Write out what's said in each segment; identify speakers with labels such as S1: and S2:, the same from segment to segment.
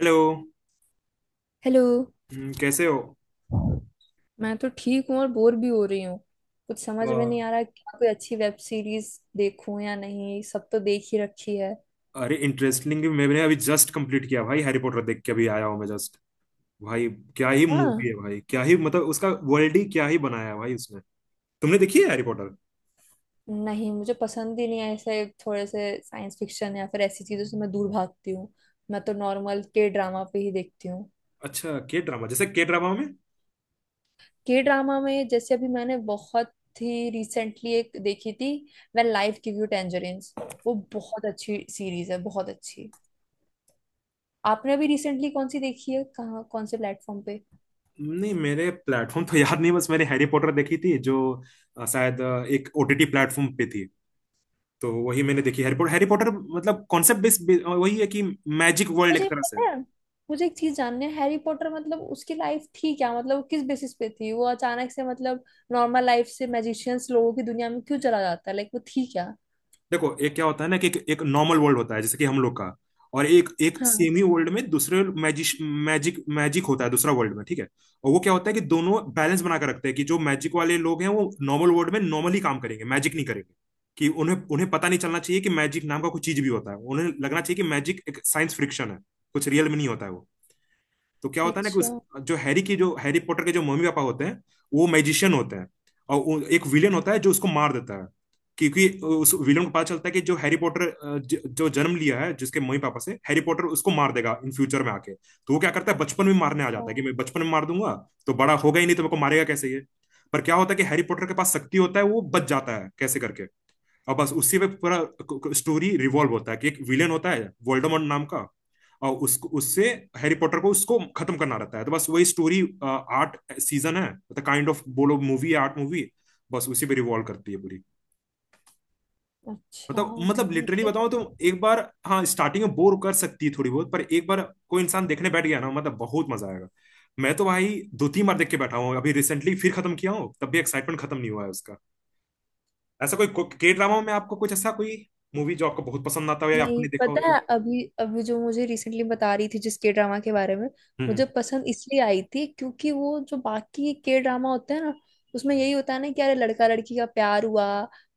S1: Hello.
S2: Hello.
S1: कैसे हो?
S2: मैं तो ठीक हूँ और बोर भी हो रही हूँ। कुछ
S1: अ,
S2: समझ में नहीं आ रहा कि कोई अच्छी वेब सीरीज देखूं या नहीं, सब तो देख ही रखी है।
S1: अरे इंटरेस्टिंग, मैंने अभी जस्ट कंप्लीट किया भाई। हैरी पॉटर देख के अभी आया हूँ मैं जस्ट। भाई क्या ही
S2: हाँ।
S1: मूवी है भाई, क्या ही, मतलब उसका वर्ल्ड ही क्या ही बनाया है भाई उसने। तुमने देखी है हैरी पॉटर?
S2: नहीं, मुझे पसंद ही नहीं है, ऐसे थोड़े से साइंस फिक्शन या फिर ऐसी चीजों से मैं दूर भागती हूँ। मैं तो नॉर्मल के ड्रामा पे ही देखती हूँ।
S1: अच्छा के ड्रामा, जैसे के ड्रामा में?
S2: के ड्रामा में जैसे अभी मैंने बहुत ही रिसेंटली एक देखी थी, when life give you tangerines. वो बहुत अच्छी सीरीज है, बहुत अच्छी। आपने अभी रिसेंटली कौन सी देखी है, कहाँ, कौन से प्लेटफॉर्म पे?
S1: नहीं, मेरे प्लेटफॉर्म तो याद नहीं। बस मैंने हैरी पॉटर देखी थी जो शायद एक ओटीटी प्लेटफॉर्म पे थी। तो वही मैंने देखी। हैरी पॉटर, हैरी पॉटर मतलब कॉन्सेप्ट बेस्ड वही है कि मैजिक वर्ल्ड एक
S2: मुझे
S1: तरह
S2: पता
S1: से।
S2: है। मुझे एक चीज जाननी है, हैरी पॉटर मतलब उसकी लाइफ थी क्या, मतलब वो किस बेसिस पे थी, वो अचानक से मतलब नॉर्मल लाइफ से मैजिशियंस लोगों की दुनिया में क्यों चला जाता है, लाइक वो थी क्या?
S1: देखो, एक क्या होता है ना कि एक नॉर्मल वर्ल्ड होता है जैसे कि हम लोग का। और एक एक
S2: हाँ।
S1: सेमी वर्ल्ड में दूसरे मैजिक मैजिक मैजिक होता है, दूसरा वर्ल्ड में। ठीक है। और वो क्या होता है कि दोनों बैलेंस बना कर रखते हैं कि जो मैजिक वाले लोग हैं वो नॉर्मल वर्ल्ड में नॉर्मली काम करेंगे, मैजिक नहीं करेंगे। कि उन्हें उन्हें पता नहीं चलना चाहिए कि मैजिक नाम का कुछ चीज भी होता है। उन्हें लगना चाहिए कि मैजिक एक साइंस फ्रिक्शन है, कुछ रियल में नहीं होता है वो। तो क्या होता है ना कि
S2: अच्छा।
S1: उस जो हैरी पॉटर के जो मम्मी पापा होते हैं, वो मैजिशियन होते हैं। और एक विलेन होता है जो उसको मार देता है। क्योंकि उस विलेन को पता चलता है कि जो हैरी पॉटर जो जन्म लिया है जिसके मम्मी पापा से, हैरी पॉटर उसको मार देगा इन फ्यूचर में आके। तो वो क्या करता है, बचपन में मारने आ जाता है
S2: हाँ,
S1: कि मैं बचपन में मार दूंगा, तो बड़ा होगा ही नहीं तो मेरे को मारेगा कैसे ये। पर क्या होता है कि हैरी पॉटर के पास शक्ति होता है, वो बच जाता है कैसे करके। और बस उसी पे पूरा स्टोरी रिवॉल्व होता है कि एक विलेन होता है वोल्डेमॉर्ट नाम का। और उसको उससे हैरी पॉटर को उसको खत्म करना रहता है। तो बस वही स्टोरी। 8 सीजन है, मतलब काइंड ऑफ बोलो मूवी है, 8 मूवी। बस उसी पे रिवॉल्व करती है पूरी।
S2: अच्छा।
S1: मतलब
S2: ये
S1: लिटरली बताओ तो, एक बार, हाँ, स्टार्टिंग में बोर कर सकती है थोड़ी बहुत, पर एक बार कोई इंसान देखने बैठ गया ना, मतलब बहुत मजा आएगा। मैं तो भाई दो तीन बार देख के बैठा हूँ, अभी रिसेंटली फिर खत्म किया हूँ, तब भी एक्साइटमेंट खत्म नहीं हुआ है उसका। ऐसा कोई के ड्रामा में आपको कुछ ऐसा कोई मूवी जो आपको बहुत पसंद आता हो या
S2: नहीं,
S1: आपने देखा हो
S2: पता है।
S1: तो?
S2: अभी अभी जो मुझे रिसेंटली बता रही थी, जिस के ड्रामा के बारे में।
S1: हम्म।
S2: मुझे पसंद इसलिए आई थी क्योंकि वो जो बाकी के ड्रामा होते हैं ना, उसमें यही होता है ना कि अरे लड़का लड़की का प्यार हुआ,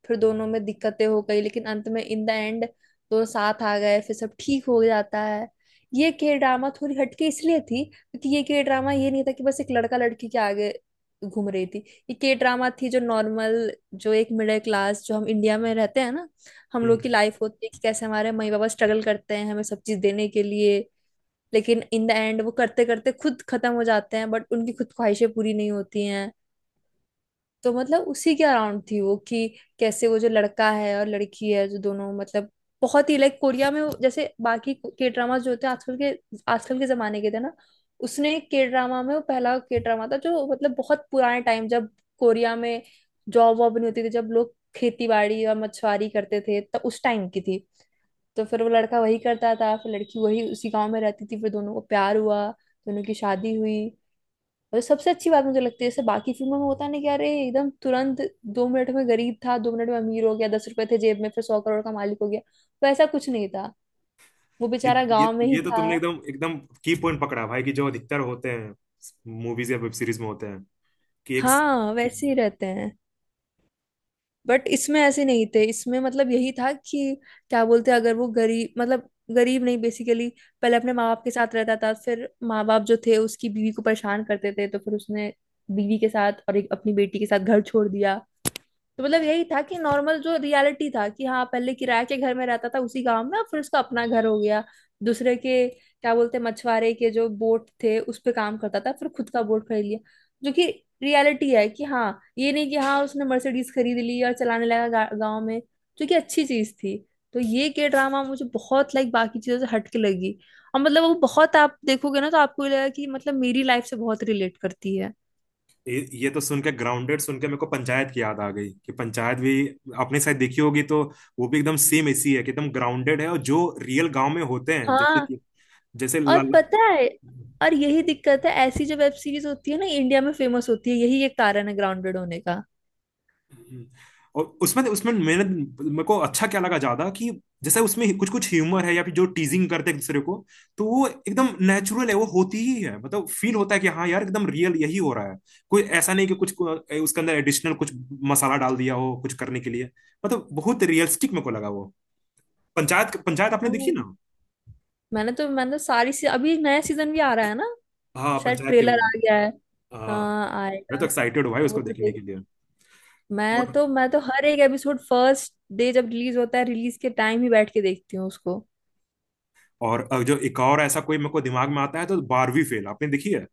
S2: फिर दोनों में दिक्कतें हो गई, लेकिन अंत में इन द एंड दोनों साथ आ गए, फिर सब ठीक हो जाता है। ये के ड्रामा थोड़ी हटके इसलिए थी क्योंकि ये के ड्रामा ये नहीं था कि बस एक लड़का लड़की के आगे घूम रही थी। ये के ड्रामा थी जो नॉर्मल, जो एक मिडिल क्लास, जो हम इंडिया में रहते हैं ना हम लोग
S1: हम्म।
S2: की लाइफ होती है, कि कैसे हमारे मई बाबा स्ट्रगल करते हैं हमें सब चीज देने के लिए। लेकिन इन द एंड वो करते करते खुद खत्म हो जाते हैं, बट उनकी खुद ख्वाहिशें पूरी नहीं होती हैं। तो मतलब उसी के अराउंड थी वो, कि कैसे वो जो लड़का है और लड़की है जो दोनों मतलब बहुत ही लाइक कोरिया में जैसे बाकी के ड्रामा जो होते हैं आजकल के जमाने के थे ना। उसने के ड्रामा में वो पहला के ड्रामा था जो मतलब बहुत पुराने टाइम, जब कोरिया में जॉब वॉब नहीं होती थी, जब लोग खेती बाड़ी और मछुआरी करते थे तब उस टाइम की थी। तो फिर वो लड़का वही करता था, फिर लड़की वही उसी गांव में रहती थी, फिर दोनों को प्यार हुआ, दोनों की शादी हुई। और सबसे अच्छी बात मुझे लगती है, जैसे बाकी फिल्मों में होता नहीं कि अरे एकदम तुरंत 2 मिनट में गरीब था 2 मिनट में अमीर हो गया, 10 रुपए थे जेब में फिर 100 करोड़ का मालिक हो गया। तो ऐसा कुछ नहीं था, वो
S1: ये
S2: बेचारा
S1: ये
S2: गांव में ही
S1: ये तो
S2: था।
S1: तुमने एकदम एकदम की पॉइंट पकड़ा भाई, कि जो अधिकतर होते हैं मूवीज या वेब सीरीज में होते हैं, कि एक...
S2: हाँ, वैसे ही रहते हैं। बट इसमें ऐसे नहीं थे, इसमें मतलब यही था कि क्या बोलते हैं, अगर वो गरीब मतलब गरीब नहीं, बेसिकली। पहले अपने माँ बाप के साथ रहता था, फिर माँ बाप जो थे उसकी बीवी को परेशान करते थे, तो फिर उसने बीवी के साथ और एक अपनी बेटी के साथ घर छोड़ दिया। तो मतलब यही था कि नॉर्मल जो रियलिटी था कि हाँ, पहले किराए के घर में रहता था उसी गांव में, अब फिर उसका अपना घर हो गया। दूसरे के क्या बोलते हैं, मछुआरे के जो बोट थे उस पे काम करता था, फिर खुद का बोट खरीद लिया, जो कि रियलिटी है कि हाँ ये नहीं कि हाँ उसने मर्सिडीज खरीद ली और चलाने लगा गाँव में। जो कि अच्छी चीज थी। तो ये के ड्रामा मुझे बहुत लाइक बाकी चीजों से हटके लगी। और मतलब वो बहुत, आप देखोगे ना तो आपको ये लगेगा कि मतलब मेरी लाइफ से बहुत रिलेट करती है।
S1: ये तो सुन के ग्राउंडेड, सुन के मेरे को पंचायत की याद आ गई कि पंचायत भी आपने शायद देखी होगी तो? वो भी एकदम सेम ऐसी है कि एकदम ग्राउंडेड है, और जो रियल गांव में होते हैं जैसे
S2: हाँ।
S1: कि, जैसे
S2: और
S1: ल,
S2: पता है, और यही दिक्कत है, ऐसी जो वेब सीरीज होती है ना इंडिया में फेमस होती है, यही एक कारण है ग्राउंडेड होने का।
S1: हम्म। और उसमें उसमें मैंने मेरे को अच्छा क्या लगा ज्यादा कि जैसे उसमें कुछ कुछ ह्यूमर है या फिर जो टीजिंग करते हैं एक दूसरे को, तो वो एकदम नेचुरल है। वो होती ही है, मतलब फील होता है कि हाँ यार, एकदम रियल यही हो रहा है। कोई ऐसा नहीं कि उसके अंदर एडिशनल कुछ मसाला डाल दिया हो कुछ करने के लिए। मतलब बहुत रियलिस्टिक मेरे को लगा वो। पंचायत, पंचायत आपने देखी
S2: हाँ।
S1: ना?
S2: मैंने तो अभी एक नया सीजन भी आ रहा है ना।
S1: हाँ
S2: शायद
S1: पंचायत के भी।
S2: ट्रेलर आ गया है।
S1: हाँ।
S2: हाँ,
S1: मैं तो
S2: आएगा।
S1: एक्साइटेड हूँ भाई
S2: तो वो
S1: उसको
S2: तो
S1: देखने के
S2: देख।
S1: लिए।
S2: मैं तो हर एक एपिसोड फर्स्ट डे जब रिलीज होता है, रिलीज के टाइम ही बैठ के देखती हूँ उसको।
S1: और जो एक और ऐसा कोई मेरे को दिमाग में आता है तो 12वीं फेल, आपने देखी है?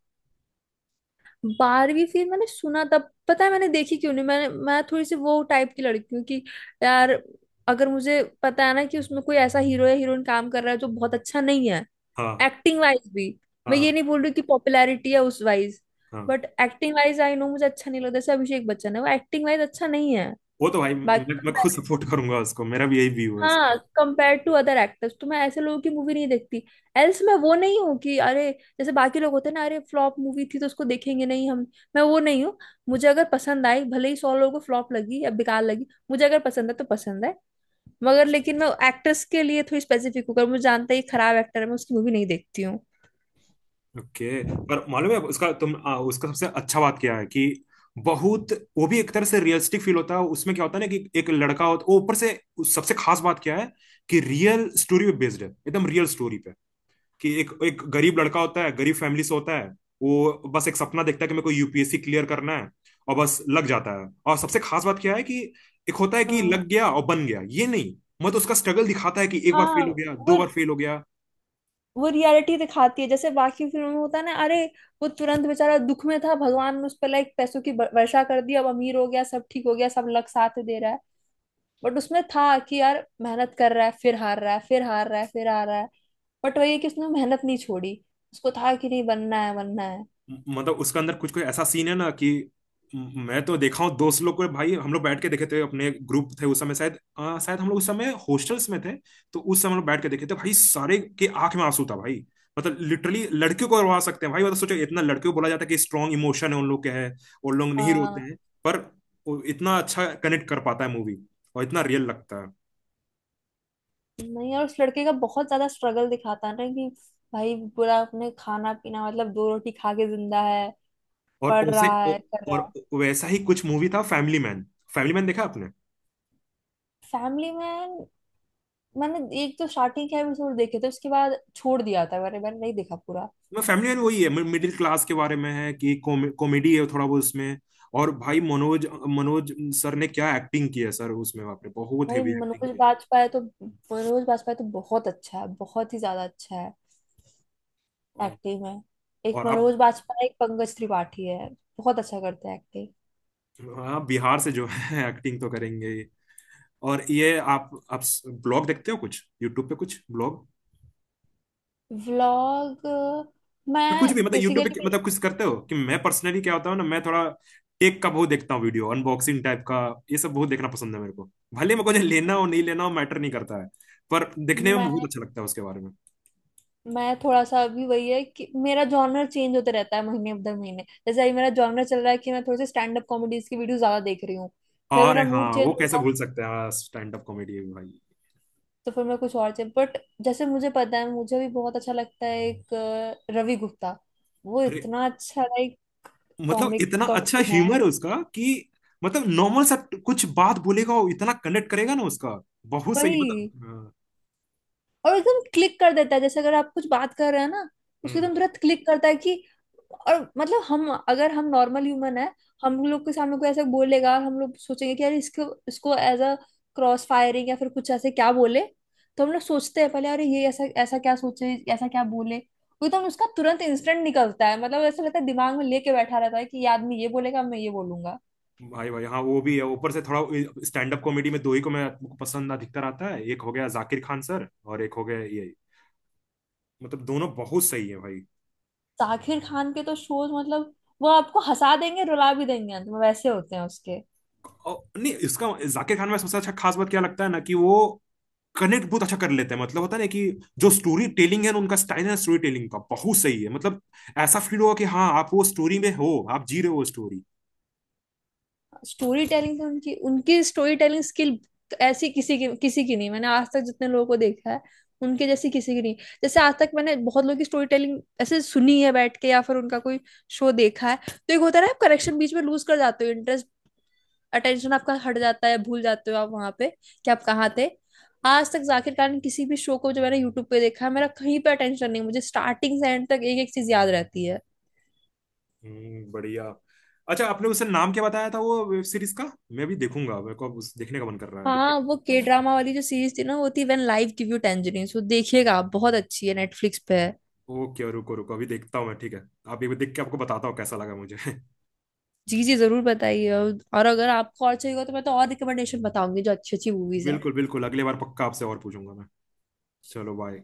S2: बारहवीं फिर मैंने सुना, तब पता है मैंने देखी क्यों नहीं। मैं थोड़ी सी वो टाइप की लड़की हूँ कि यार, अगर मुझे पता है ना कि उसमें कोई ऐसा हीरो या हीरोइन काम कर रहा है जो बहुत अच्छा नहीं है,
S1: हाँ।
S2: एक्टिंग वाइज भी। मैं ये
S1: हाँ।
S2: नहीं बोल रही कि पॉपुलैरिटी है उस वाइज,
S1: हाँ,
S2: but acting wise I know मुझे अच्छा नहीं लगता। जैसे अभिषेक बच्चन है, वो एक्टिंग वाइज अच्छा नहीं है।
S1: वो तो भाई मैं खुद
S2: बाकी,
S1: सपोर्ट करूंगा उसको, मेरा भी यही व्यू है
S2: हाँ,
S1: उसको।
S2: कंपेयर टू अदर एक्टर्स तो मैं ऐसे लोगों की मूवी नहीं देखती। एल्स मैं वो नहीं हूँ कि अरे जैसे बाकी लोग होते हैं ना, अरे फ्लॉप मूवी थी तो उसको देखेंगे नहीं हम। मैं वो नहीं हूँ। मुझे अगर पसंद आई भले ही 100 लोगों को फ्लॉप लगी या बेकार लगी, मुझे अगर पसंद है तो पसंद है। मगर लेकिन मैं एक्टर्स के लिए थोड़ी स्पेसिफिक हूँ, अगर मुझे जानता है ये खराब एक्टर है मैं उसकी मूवी नहीं देखती।
S1: ओके। पर मालूम है उसका सबसे अच्छा बात क्या है कि, बहुत, वो भी एक तरह से रियलिस्टिक फील होता है। उसमें क्या होता है ना कि एक लड़का होता वो ऊपर से, उस सबसे खास बात क्या है कि रियल स्टोरी पे बेस्ड है, एकदम रियल स्टोरी। कि एक एक गरीब लड़का होता है, गरीब फैमिली से होता है। वो बस एक सपना देखता है कि मेरे को यूपीएससी क्लियर करना है, और बस लग जाता है। और सबसे खास बात क्या है कि एक होता है कि
S2: हाँ,
S1: लग गया और बन गया, ये नहीं। मतलब उसका स्ट्रगल दिखाता है कि एक बार
S2: हाँ।
S1: फेल हो गया, दो
S2: वो
S1: बार फेल हो गया।
S2: वो रियलिटी दिखाती है, जैसे बाकी फिल्मों में होता है ना, अरे वो तुरंत बेचारा दुख में था, भगवान ने उस पर लाइक पैसों की वर्षा कर दी, अब अमीर हो गया, सब ठीक हो गया, सब लग साथ दे रहा है। बट उसमें था कि यार मेहनत कर रहा है, फिर हार रहा है, फिर हार रहा है, फिर हार रहा है, बट वही है कि उसने मेहनत नहीं छोड़ी। उसको था कि नहीं, बनना है बनना है।
S1: मतलब उसका अंदर कुछ कुछ ऐसा सीन है ना कि, मैं तो देखा हूँ दोस्त लोग को भाई, हम लोग बैठ के देखे थे। अपने ग्रुप थे उस समय, शायद शायद हम लोग उस समय हॉस्टल्स में थे। तो उस समय हम लोग बैठ के देखे थे भाई, सारे के आंख में आंसू था भाई। मतलब लिटरली लड़कियों को रोवा सकते हैं भाई, मतलब सोचो इतना। लड़कियों को बोला जाता है कि स्ट्रांग इमोशन है उन लोग के, है। और लोग नहीं रोते
S2: हाँ।
S1: हैं, पर वो इतना अच्छा कनेक्ट कर पाता है मूवी, और इतना रियल लगता है।
S2: नहीं, और उस लड़के का बहुत ज्यादा स्ट्रगल दिखाता है ना, कि भाई पूरा अपने खाना पीना मतलब 2 रोटी खा के जिंदा है,
S1: और
S2: पढ़
S1: उसे
S2: रहा है, कर रहा
S1: और
S2: है।
S1: वैसा ही कुछ मूवी था, फैमिली मैन। फैमिली मैन देखा आपने?
S2: फैमिली में मैंने एक तो स्टार्टिंग के एपिसोड देखे थे, उसके बाद छोड़ दिया था। मैंने मैंने नहीं देखा पूरा।
S1: मैं फैमिली मैन वही है, मिडिल क्लास के बारे में है, कि कॉमेडी है थोड़ा बहुत उसमें। और भाई मनोज मनोज सर ने क्या एक्टिंग की है सर उसमें, बाप रे बहुत
S2: भाई,
S1: हेवी एक्टिंग की है।
S2: मनोज बाजपेयी तो बहुत अच्छा है, बहुत ही ज्यादा अच्छा है
S1: और
S2: एक्टिंग में। एक
S1: आप,
S2: मनोज बाजपेयी, एक पंकज त्रिपाठी है, बहुत अच्छा करते हैं एक्टिंग।
S1: हाँ बिहार से जो है एक्टिंग तो करेंगे ही। और ये आप ब्लॉग देखते हो कुछ यूट्यूब पे, कुछ ब्लॉग
S2: व्लॉग। मैं
S1: या कुछ भी, मतलब यूट्यूब पे
S2: बेसिकली
S1: मतलब कुछ करते हो? कि मैं पर्सनली क्या होता हूँ ना, मैं थोड़ा टेक का बहुत देखता हूँ वीडियो, अनबॉक्सिंग टाइप का, ये सब बहुत देखना पसंद है मेरे को। भले मेरे को जो लेना हो नहीं लेना हो मैटर नहीं करता है, पर देखने में बहुत
S2: मैं
S1: अच्छा लगता है उसके बारे में।
S2: मैं थोड़ा सा अभी वही है कि मेरा जॉनर चेंज होता रहता है महीने दर महीने। जैसे अभी मेरा जॉनर चल रहा है कि मैं थोड़े से स्टैंड अप कॉमेडीज की वीडियो ज्यादा देख रही हूँ। फिर
S1: अरे
S2: मेरा
S1: हाँ,
S2: मूड चेंज
S1: वो कैसे
S2: होगा,
S1: भूल सकते हैं, स्टैंड अप कॉमेडी है भाई।
S2: तो फिर मैं कुछ और चेंज। बट जैसे मुझे पता है, मुझे भी बहुत अच्छा लगता है एक रवि गुप्ता। वो
S1: अरे,
S2: इतना अच्छा लाइक
S1: मतलब
S2: कॉमिक
S1: इतना अच्छा
S2: कॉमेडियन है,
S1: ह्यूमर है उसका कि मतलब नॉर्मल सा कुछ बात बोलेगा, वो इतना कनेक्ट करेगा ना उसका, बहुत सही
S2: वही।
S1: मतलब। हाँ,
S2: और एकदम क्लिक कर देता है, जैसे अगर आप कुछ बात कर रहे हैं ना, उसको
S1: हम्म।
S2: एकदम तुरंत क्लिक करता है कि। और मतलब हम अगर हम नॉर्मल ह्यूमन है, हम लोग के सामने कोई ऐसा बोलेगा हम लोग सोचेंगे कि यार इसको इसको एज अ क्रॉस फायरिंग या फिर कुछ ऐसे क्या बोले। तो हम लोग सोचते हैं पहले अरे ये ऐसा ऐसा क्या सोचे, ऐसा क्या बोले, वो एकदम उसका तुरंत इंस्टेंट निकलता है, मतलब ऐसा लगता है दिमाग में लेके बैठा रहता है कि ये आदमी ये बोलेगा, मैं ये बोलूंगा।
S1: भाई भाई, हाँ वो भी है ऊपर से थोड़ा। स्टैंड अप कॉमेडी में दो ही को मैं आपको पसंद अधिकतर आता है, एक हो गया जाकिर खान सर और एक हो गया ये। मतलब दोनों बहुत सही है भाई।
S2: जाकिर खान के तो शोज मतलब वो आपको हंसा देंगे, रुला भी देंगे अंत में, वैसे होते हैं उसके।
S1: और नहीं इसका, जाकिर खान में सबसे अच्छा खास बात क्या लगता है ना, कि वो कनेक्ट बहुत अच्छा कर लेते हैं। मतलब होता है ना कि जो स्टोरी टेलिंग है ना, उनका स्टाइल है स्टोरी टेलिंग का बहुत सही है मतलब। ऐसा फील होगा कि हाँ आप वो स्टोरी में हो, आप जी रहे हो वो स्टोरी।
S2: स्टोरी टेलिंग उनकी उनकी स्टोरी टेलिंग स्किल, ऐसी किसी की नहीं, मैंने आज तक जितने लोगों को देखा है उनके जैसी किसी की नहीं। जैसे आज तक मैंने बहुत लोगों की स्टोरी टेलिंग ऐसे सुनी है बैठ के, या फिर उनका कोई शो देखा है, तो एक होता है ना आप करेक्शन बीच में लूज कर जाते हो, इंटरेस्ट। अटेंशन आपका हट जाता है, भूल जाते हो आप वहां पे कि आप कहाँ थे। आज तक जाकिर खान किसी भी शो को जो मैंने यूट्यूब पे देखा है, मेरा कहीं पे अटेंशन नहीं, मुझे स्टार्टिंग से एंड तक एक एक चीज याद रहती है।
S1: हम्म, बढ़िया। अच्छा आपने उसे नाम क्या बताया था वो वेब सीरीज का? मैं भी देखूंगा, मेरे को अब उस देखने का मन कर रहा है।
S2: हाँ, वो के ड्रामा वाली जो सीरीज थी ना, वो थी when life give you tangerines. वो देखिएगा आप, बहुत अच्छी है, नेटफ्लिक्स पे है।
S1: ओके, रुको रुको अभी देखता हूँ मैं, ठीक है। आप एक बार देख के आपको बताता हूँ कैसा लगा मुझे।
S2: जी जी, जरूर बताइए। और अगर आपको और चाहिए होगा तो मैं तो और रिकमेंडेशन बताऊंगी जो अच्छी अच्छी मूवीज है।
S1: बिल्कुल बिल्कुल, अगली बार पक्का आपसे और पूछूंगा मैं। चलो बाय।